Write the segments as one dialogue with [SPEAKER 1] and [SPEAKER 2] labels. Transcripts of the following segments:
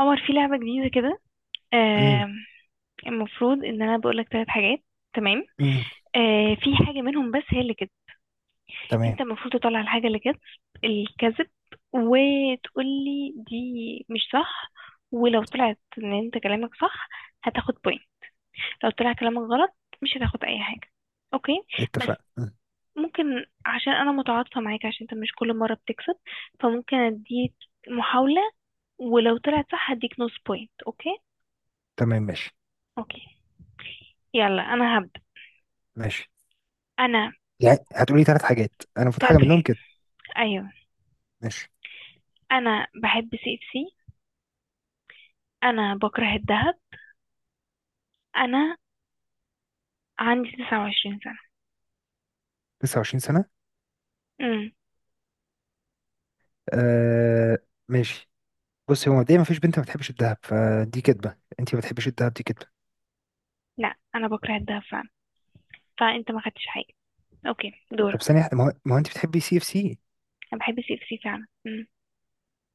[SPEAKER 1] عمر، في لعبة جديدة كده.
[SPEAKER 2] امم.
[SPEAKER 1] آه. المفروض ان انا بقولك 3 حاجات. تمام.
[SPEAKER 2] امم.
[SPEAKER 1] آه، في حاجة منهم بس هي اللي كده.
[SPEAKER 2] تمام،
[SPEAKER 1] انت المفروض تطلع الحاجة اللي كده الكذب وتقولي دي مش صح. ولو طلعت ان انت كلامك صح هتاخد بوينت، لو طلع كلامك غلط مش هتاخد اي حاجة. اوكي؟ بس
[SPEAKER 2] اتفقنا مم.
[SPEAKER 1] ممكن عشان انا متعاطفة معاك عشان انت مش كل مرة بتكسب، فممكن اديك محاولة، ولو طلعت صح هديك نص بوينت. اوكي.
[SPEAKER 2] تمام ماشي.
[SPEAKER 1] اوكي، يلا انا هبدأ.
[SPEAKER 2] ماشي،
[SPEAKER 1] انا.
[SPEAKER 2] يعني هتقولي ثلاث حاجات انا المفروض
[SPEAKER 1] تلات
[SPEAKER 2] حاجه منهم
[SPEAKER 1] حاجات.
[SPEAKER 2] كده؟
[SPEAKER 1] ايوه.
[SPEAKER 2] ماشي.
[SPEAKER 1] انا بحب سي اف سي، انا بكره الذهب، انا عندي 29 سنة.
[SPEAKER 2] 29 سنه.
[SPEAKER 1] امم.
[SPEAKER 2] آه، ماشي. بصي، هو مبدئيا مفيش بنت ما بتحبش الذهب، فدي كدبه، انت ما بتحبيش الذهب، دي كدبه.
[SPEAKER 1] لا، انا بكره الذهب فعلا، فانت ما خدتش حاجة. اوكي،
[SPEAKER 2] طب
[SPEAKER 1] دورك.
[SPEAKER 2] ثانيه واحدة، ما هو انت بتحبي سي اف سي.
[SPEAKER 1] انا بحب سي اف سي فعلا. امم.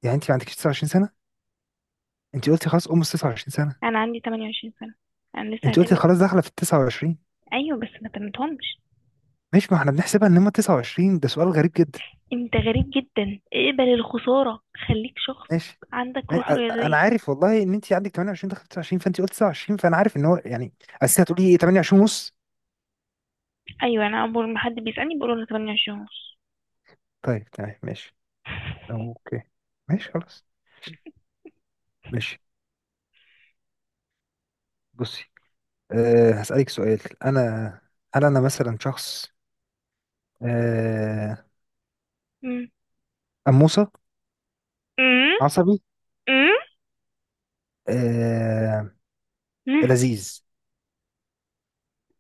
[SPEAKER 2] يعني انت ما عندكش 29 سنه. انت قلتي خلاص ال 29 سنه.
[SPEAKER 1] انا عندي 28 سنة، انا لسه
[SPEAKER 2] انت
[SPEAKER 1] هتم.
[SPEAKER 2] قلتي خلاص داخله في ال 29.
[SPEAKER 1] ايوه بس ما تمتهمش.
[SPEAKER 2] ماشي، ما احنا بنحسبها ان هم 29، ده سؤال غريب جدا.
[SPEAKER 1] انت غريب جدا، اقبل الخسارة، خليك شخص
[SPEAKER 2] ماشي،
[SPEAKER 1] عندك
[SPEAKER 2] يعني
[SPEAKER 1] روح
[SPEAKER 2] انا
[SPEAKER 1] رياضية.
[SPEAKER 2] عارف والله ان انت عندك 28 دخلت 29، فانت قلت 29 فانا عارف ان هو يعني. اصل هتقولي ايه؟ 28 ونص.
[SPEAKER 1] ايوه، انا اول ما حد بيسألني بقول انا 28 ونص.
[SPEAKER 2] طيب تمام ماشي. اوكي ماشي خلاص ماشي بصي. هسألك سؤال. انا، هل انا مثلا شخص أه
[SPEAKER 1] امم.
[SPEAKER 2] أموسة؟
[SPEAKER 1] امم.
[SPEAKER 2] عصبي؟ أه
[SPEAKER 1] امم.
[SPEAKER 2] لذيذ؟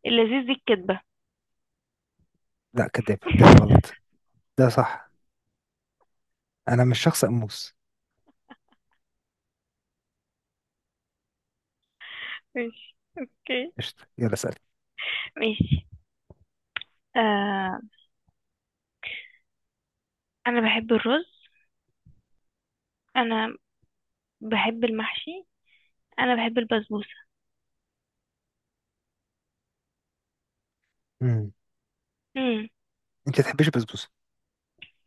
[SPEAKER 1] اللذيذ دي الكدبة.
[SPEAKER 2] لا كذاب ده غلط. ده صح، انا مش شخص أموس.
[SPEAKER 1] ماشي، اوكي،
[SPEAKER 2] قشطة، يلا اسألي.
[SPEAKER 1] ماشي. آه، انا بحب الرز، انا بحب المحشي، انا بحب البسبوسه.
[SPEAKER 2] امم.
[SPEAKER 1] امم.
[SPEAKER 2] انت ما تحبيش البسبوسة.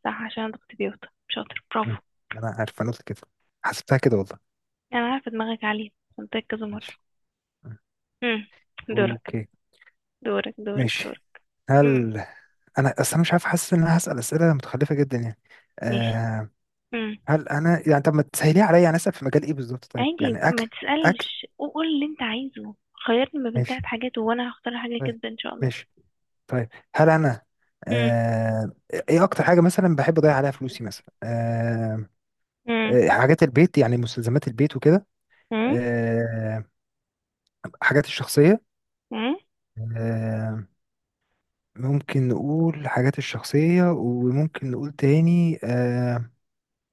[SPEAKER 1] صح، عشان انا كنت بيوتا شاطر،
[SPEAKER 2] مم.
[SPEAKER 1] برافو.
[SPEAKER 2] انا عارف، انا قلت كده. حسبتها كده والله.
[SPEAKER 1] انا عارفه دماغك عاليه، قلت لك كذا مره.
[SPEAKER 2] ماشي. مم.
[SPEAKER 1] امم. دورك.
[SPEAKER 2] اوكي
[SPEAKER 1] دورك دورك
[SPEAKER 2] ماشي.
[SPEAKER 1] دورك. امم
[SPEAKER 2] هل انا اصلا مش عارف، حاسس ان انا هسأل اسئله متخلفه جدا يعني.
[SPEAKER 1] ماشي.
[SPEAKER 2] أه
[SPEAKER 1] امم.
[SPEAKER 2] هل انا يعني طب ما تسهليها عليا، يعني اسأل في مجال ايه بالظبط؟ طيب
[SPEAKER 1] عادي،
[SPEAKER 2] يعني
[SPEAKER 1] ما
[SPEAKER 2] اكل. اكل.
[SPEAKER 1] تسالش، قول اللي انت عايزه. خيرني ما بين تلات
[SPEAKER 2] ماشي
[SPEAKER 1] حاجات وانا هختار حاجه
[SPEAKER 2] طيب
[SPEAKER 1] كده ان شاء الله.
[SPEAKER 2] ماشي طيب. هل انا
[SPEAKER 1] امم.
[SPEAKER 2] أه ايه اكتر حاجه مثلا بحب اضيع عليها فلوسي مثلا؟
[SPEAKER 1] امم.
[SPEAKER 2] حاجات البيت يعني مستلزمات البيت وكده.
[SPEAKER 1] امم.
[SPEAKER 2] أه حاجات الشخصيه. أه ممكن نقول حاجات الشخصيه، وممكن نقول تاني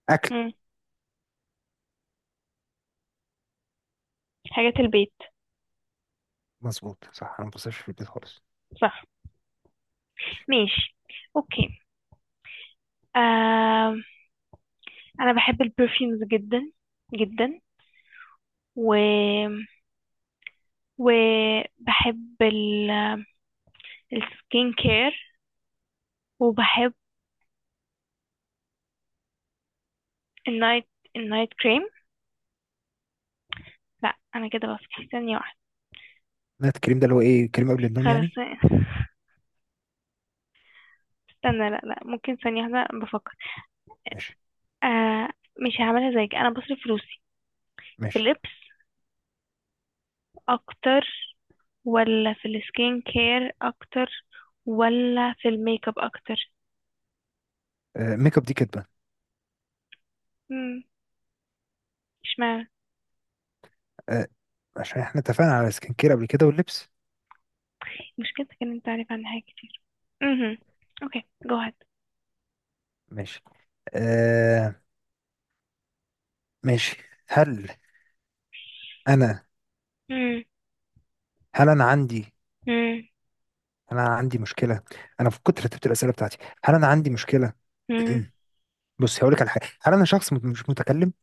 [SPEAKER 2] اكل.
[SPEAKER 1] امم. حاجات البيت.
[SPEAKER 2] مظبوط صح، انا ما بصرفش في البيت خالص.
[SPEAKER 1] صح،
[SPEAKER 2] ماشي.
[SPEAKER 1] ماشي، اوكي. آم، انا بحب البرفيومز جدا، جدا، و وبحب السكين كير، وبحب النايت النايت كريم. لا، انا كده، بس ثانية واحدة،
[SPEAKER 2] نايت كريم ده اللي هو ايه؟ كريم قبل النوم
[SPEAKER 1] خلاص،
[SPEAKER 2] يعني؟
[SPEAKER 1] استنى، لا لا، ممكن ثانية واحدة، بفكر.
[SPEAKER 2] ماشي
[SPEAKER 1] آه، مش هعملها زيك، انا بصرف فلوسي في
[SPEAKER 2] ماشي.
[SPEAKER 1] اللبس اكتر، ولا في السكين كير اكتر، ولا في الميك اب اكتر؟
[SPEAKER 2] ميك اب دي كدبة.
[SPEAKER 1] مم، اشمعنى.
[SPEAKER 2] آه عشان احنا اتفقنا على سكين كير قبل كده واللبس.
[SPEAKER 1] مشكلتك ان انت عارف عنها حاجات كتير. امم. اوكي، جو هاد.
[SPEAKER 2] ماشي. آه ماشي. هل انا،
[SPEAKER 1] مم.
[SPEAKER 2] هل انا
[SPEAKER 1] مم.
[SPEAKER 2] انا عندي مشكلة، انا في كتر رتبت الأسئلة بتاعتي. هل انا عندي مشكلة؟
[SPEAKER 1] مم.
[SPEAKER 2] بص، هقول لك على حاجة. هل انا شخص مش متكلم؟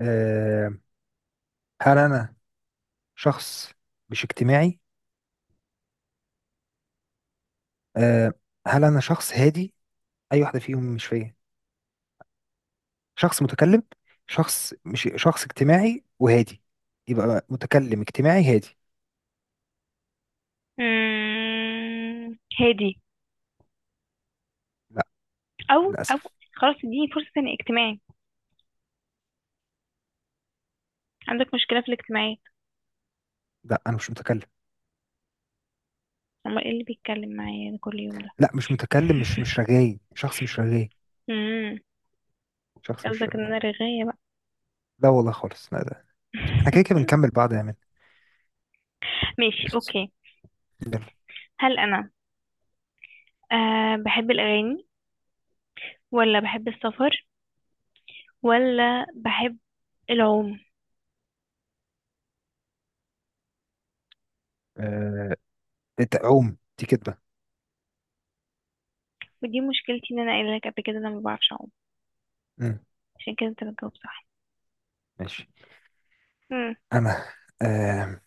[SPEAKER 2] آه هل انا شخص مش اجتماعي؟ آه هل انا شخص هادي؟ اي واحدة فيهم مش فيا؟ شخص متكلم، شخص مش شخص اجتماعي وهادي، يبقى متكلم اجتماعي هادي.
[SPEAKER 1] مم. هادي.
[SPEAKER 2] لا،
[SPEAKER 1] او. او.
[SPEAKER 2] للاسف.
[SPEAKER 1] خلاص اديني فرصة تاني، اجتماعي. عندك مشكلة في الاجتماعيات.
[SPEAKER 2] لا، انا مش متكلم.
[SPEAKER 1] امال ايه اللي بيتكلم معايا ده كل يوم ده؟
[SPEAKER 2] لا، مش متكلم، مش رغاي، شخص مش رغاي.
[SPEAKER 1] مم.
[SPEAKER 2] شخص مش
[SPEAKER 1] قصدك ان
[SPEAKER 2] رغاي.
[SPEAKER 1] انا رغاية بقى؟
[SPEAKER 2] لا والله خالص، لا ده احنا كده كده بنكمل بعض يا مان.
[SPEAKER 1] ماشي،
[SPEAKER 2] قشطة.
[SPEAKER 1] اوكي.
[SPEAKER 2] يلا.
[SPEAKER 1] هل انا بحب الاغاني، ولا بحب السفر، ولا بحب العوم؟
[SPEAKER 2] آه... انت عوم دي كدبة.
[SPEAKER 1] ودي مشكلتي ان انا قايله لك قبل كده، انا ما بعرفش اعوم،
[SPEAKER 2] مم.
[SPEAKER 1] عشان كده انت بتجاوب صح.
[SPEAKER 2] ماشي.
[SPEAKER 1] مم.
[SPEAKER 2] انا آه...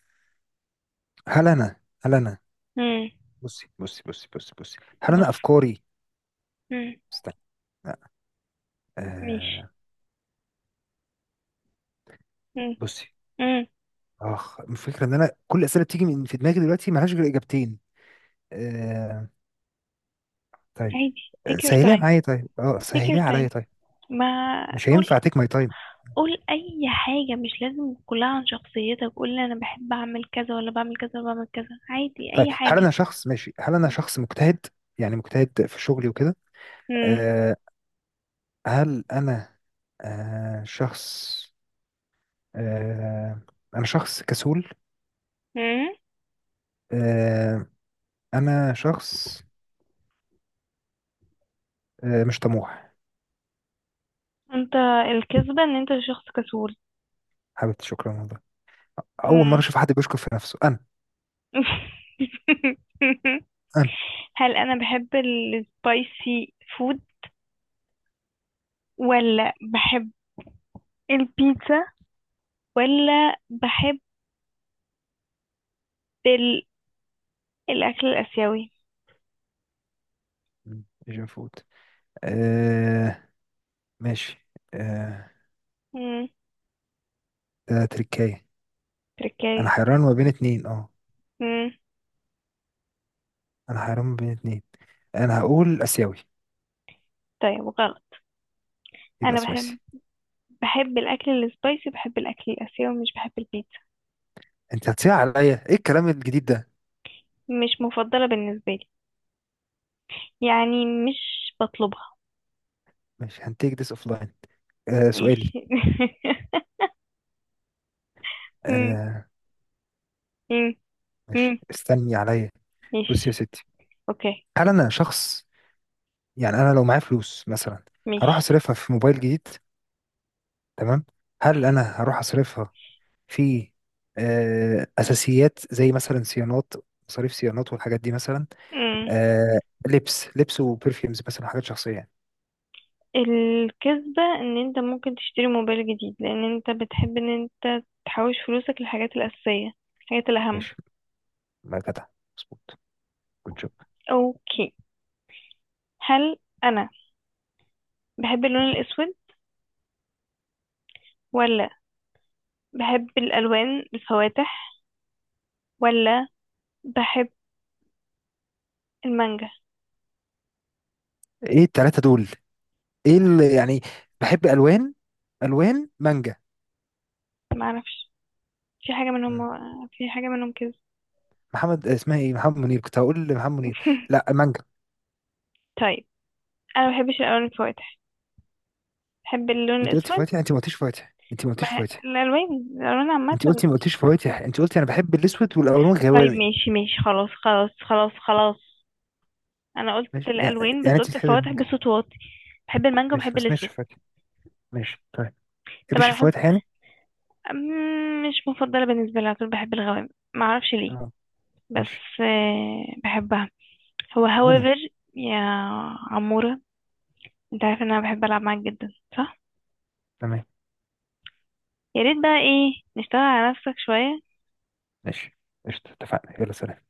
[SPEAKER 2] هل انا
[SPEAKER 1] مم.
[SPEAKER 2] بصي بصي بصي بصي بصي، هل
[SPEAKER 1] بص.
[SPEAKER 2] انا افكاري؟
[SPEAKER 1] مم.
[SPEAKER 2] استنى، لا.
[SPEAKER 1] ماشي.
[SPEAKER 2] آه...
[SPEAKER 1] مم.
[SPEAKER 2] بصي
[SPEAKER 1] مم.
[SPEAKER 2] اخ، الفكره ان انا كل الاسئله بتيجي من في دماغي دلوقتي ملهاش غير اجابتين. آه طيب.
[SPEAKER 1] عادي
[SPEAKER 2] آه،
[SPEAKER 1] take your
[SPEAKER 2] سهليها
[SPEAKER 1] time.
[SPEAKER 2] معايا طيب
[SPEAKER 1] take your
[SPEAKER 2] سهليها
[SPEAKER 1] time.
[SPEAKER 2] عليا طيب.
[SPEAKER 1] ما
[SPEAKER 2] مش
[SPEAKER 1] قول،
[SPEAKER 2] هينفع تيك ماي تايم.
[SPEAKER 1] قول اي حاجة مش لازم كلها عن شخصيتك، قول لي انا بحب اعمل كذا ولا بعمل كذا ولا بعمل كذا، عادي
[SPEAKER 2] طيب
[SPEAKER 1] اي
[SPEAKER 2] هل
[SPEAKER 1] حاجة.
[SPEAKER 2] انا شخص ماشي هل انا شخص مجتهد؟ يعني مجتهد في شغلي وكده.
[SPEAKER 1] امم.
[SPEAKER 2] آه هل انا شخص آه انا شخص كسول.
[SPEAKER 1] امم.
[SPEAKER 2] آه انا شخص مش طموح.
[SPEAKER 1] انت، الكذبة ان انت شخص كسول.
[SPEAKER 2] حبيبتي شكرا والله. اول مره
[SPEAKER 1] امم.
[SPEAKER 2] اشوف حد بيشكر في نفسه. انا. انا
[SPEAKER 1] هل انا بحب السبايسي فود، ولا بحب البيتزا، ولا بحب ال... الاكل الاسيوي؟
[SPEAKER 2] مم، مش المفروض. آه ماشي. آه،
[SPEAKER 1] امم.
[SPEAKER 2] ده تركاية.
[SPEAKER 1] تركاية.
[SPEAKER 2] انا حيران ما بين اتنين اه
[SPEAKER 1] امم.
[SPEAKER 2] انا حيران ما بين اتنين. انا هقول اسيوي.
[SPEAKER 1] طيب غلط.
[SPEAKER 2] يبقى
[SPEAKER 1] انا بحب
[SPEAKER 2] سويسي.
[SPEAKER 1] بحب الاكل السبايسي، بحب الاكل الاسيوي، مش بحب البيتزا.
[SPEAKER 2] انت هتصيح عليا، ايه الكلام الجديد ده؟
[SPEAKER 1] مش مفضله بالنسبه لي، يعني مش بطلبها.
[SPEAKER 2] مش هنتيك ذس اوف لاين. آه سؤالي.
[SPEAKER 1] ماشي. مم.
[SPEAKER 2] آه
[SPEAKER 1] مم. مم.
[SPEAKER 2] ماشي، استني عليا. بص يا
[SPEAKER 1] ماشي،
[SPEAKER 2] ستي.
[SPEAKER 1] اوكي،
[SPEAKER 2] هل انا شخص، يعني انا لو معايا فلوس مثلا، هروح
[SPEAKER 1] ماشي.
[SPEAKER 2] اصرفها في موبايل جديد، تمام؟ هل انا هروح اصرفها في اساسيات زي مثلا صيانات، مصاريف صيانات والحاجات دي مثلا.
[SPEAKER 1] مم.
[SPEAKER 2] آه لبس لبس وبرفيومز مثلا، حاجات شخصية يعني.
[SPEAKER 1] الكذبه ان انت ممكن تشتري موبايل جديد لان انت بتحب ان انت تحوش فلوسك للحاجات الاساسيه، الحاجات الاهم.
[SPEAKER 2] ماشي، ما جدع، مظبوط، جود جوب.
[SPEAKER 1] اوكي. هل انا بحب اللون الاسود، ولا بحب الالوان الفواتح، ولا بحب المانجا؟
[SPEAKER 2] ايه التلاتة دول؟ ايه اللي يعني بحب الوان؟ الوان مانجا.
[SPEAKER 1] ما اعرفش، في حاجه منهم،
[SPEAKER 2] مم.
[SPEAKER 1] في حاجه منهم كده.
[SPEAKER 2] محمد، اسمها ايه؟ محمد منير، كنت هقول لمحمد منير. لا مانجا.
[SPEAKER 1] طيب. انا ما بحبش الالوان الفواتح، بحب اللون
[SPEAKER 2] انت قلتي
[SPEAKER 1] الاسود.
[SPEAKER 2] فواتح، انت ما قلتيش فواتح، انت ما قلتيش فواتح.
[SPEAKER 1] الالوان عامه.
[SPEAKER 2] انت قلتي ما قلتيش فواتح، انت قلتي انا بحب الاسود والالوان
[SPEAKER 1] طيب،
[SPEAKER 2] غوامي.
[SPEAKER 1] ماشي ماشي، خلاص خلاص خلاص خلاص. انا قلت
[SPEAKER 2] ماشي يعني،
[SPEAKER 1] الالوان بس
[SPEAKER 2] يعني انت
[SPEAKER 1] قلت
[SPEAKER 2] بتحبي
[SPEAKER 1] الفواتح
[SPEAKER 2] المانجا؟
[SPEAKER 1] بصوت واطي. بحب المانجا
[SPEAKER 2] ماشي
[SPEAKER 1] وبحب
[SPEAKER 2] ما سمعتش
[SPEAKER 1] الاسود.
[SPEAKER 2] فواتح. ماشي طيب ما
[SPEAKER 1] طب
[SPEAKER 2] بتحبيش
[SPEAKER 1] انا بحب،
[SPEAKER 2] الفواتح يعني.
[SPEAKER 1] مش مفضله بالنسبه لي على طول، بحب الغوامق، ما اعرفش ليه.
[SPEAKER 2] اه. ماشي.
[SPEAKER 1] بس بحبها. هو
[SPEAKER 2] بومه.
[SPEAKER 1] however. يا عموره، انت عارف ان انا بحب العب معاك جدا، صح؟
[SPEAKER 2] تمام
[SPEAKER 1] يا ريت بقى، ايه، نشتغل على نفسك شويه.
[SPEAKER 2] ماشي. قشطة اتفقنا، يلا سلام.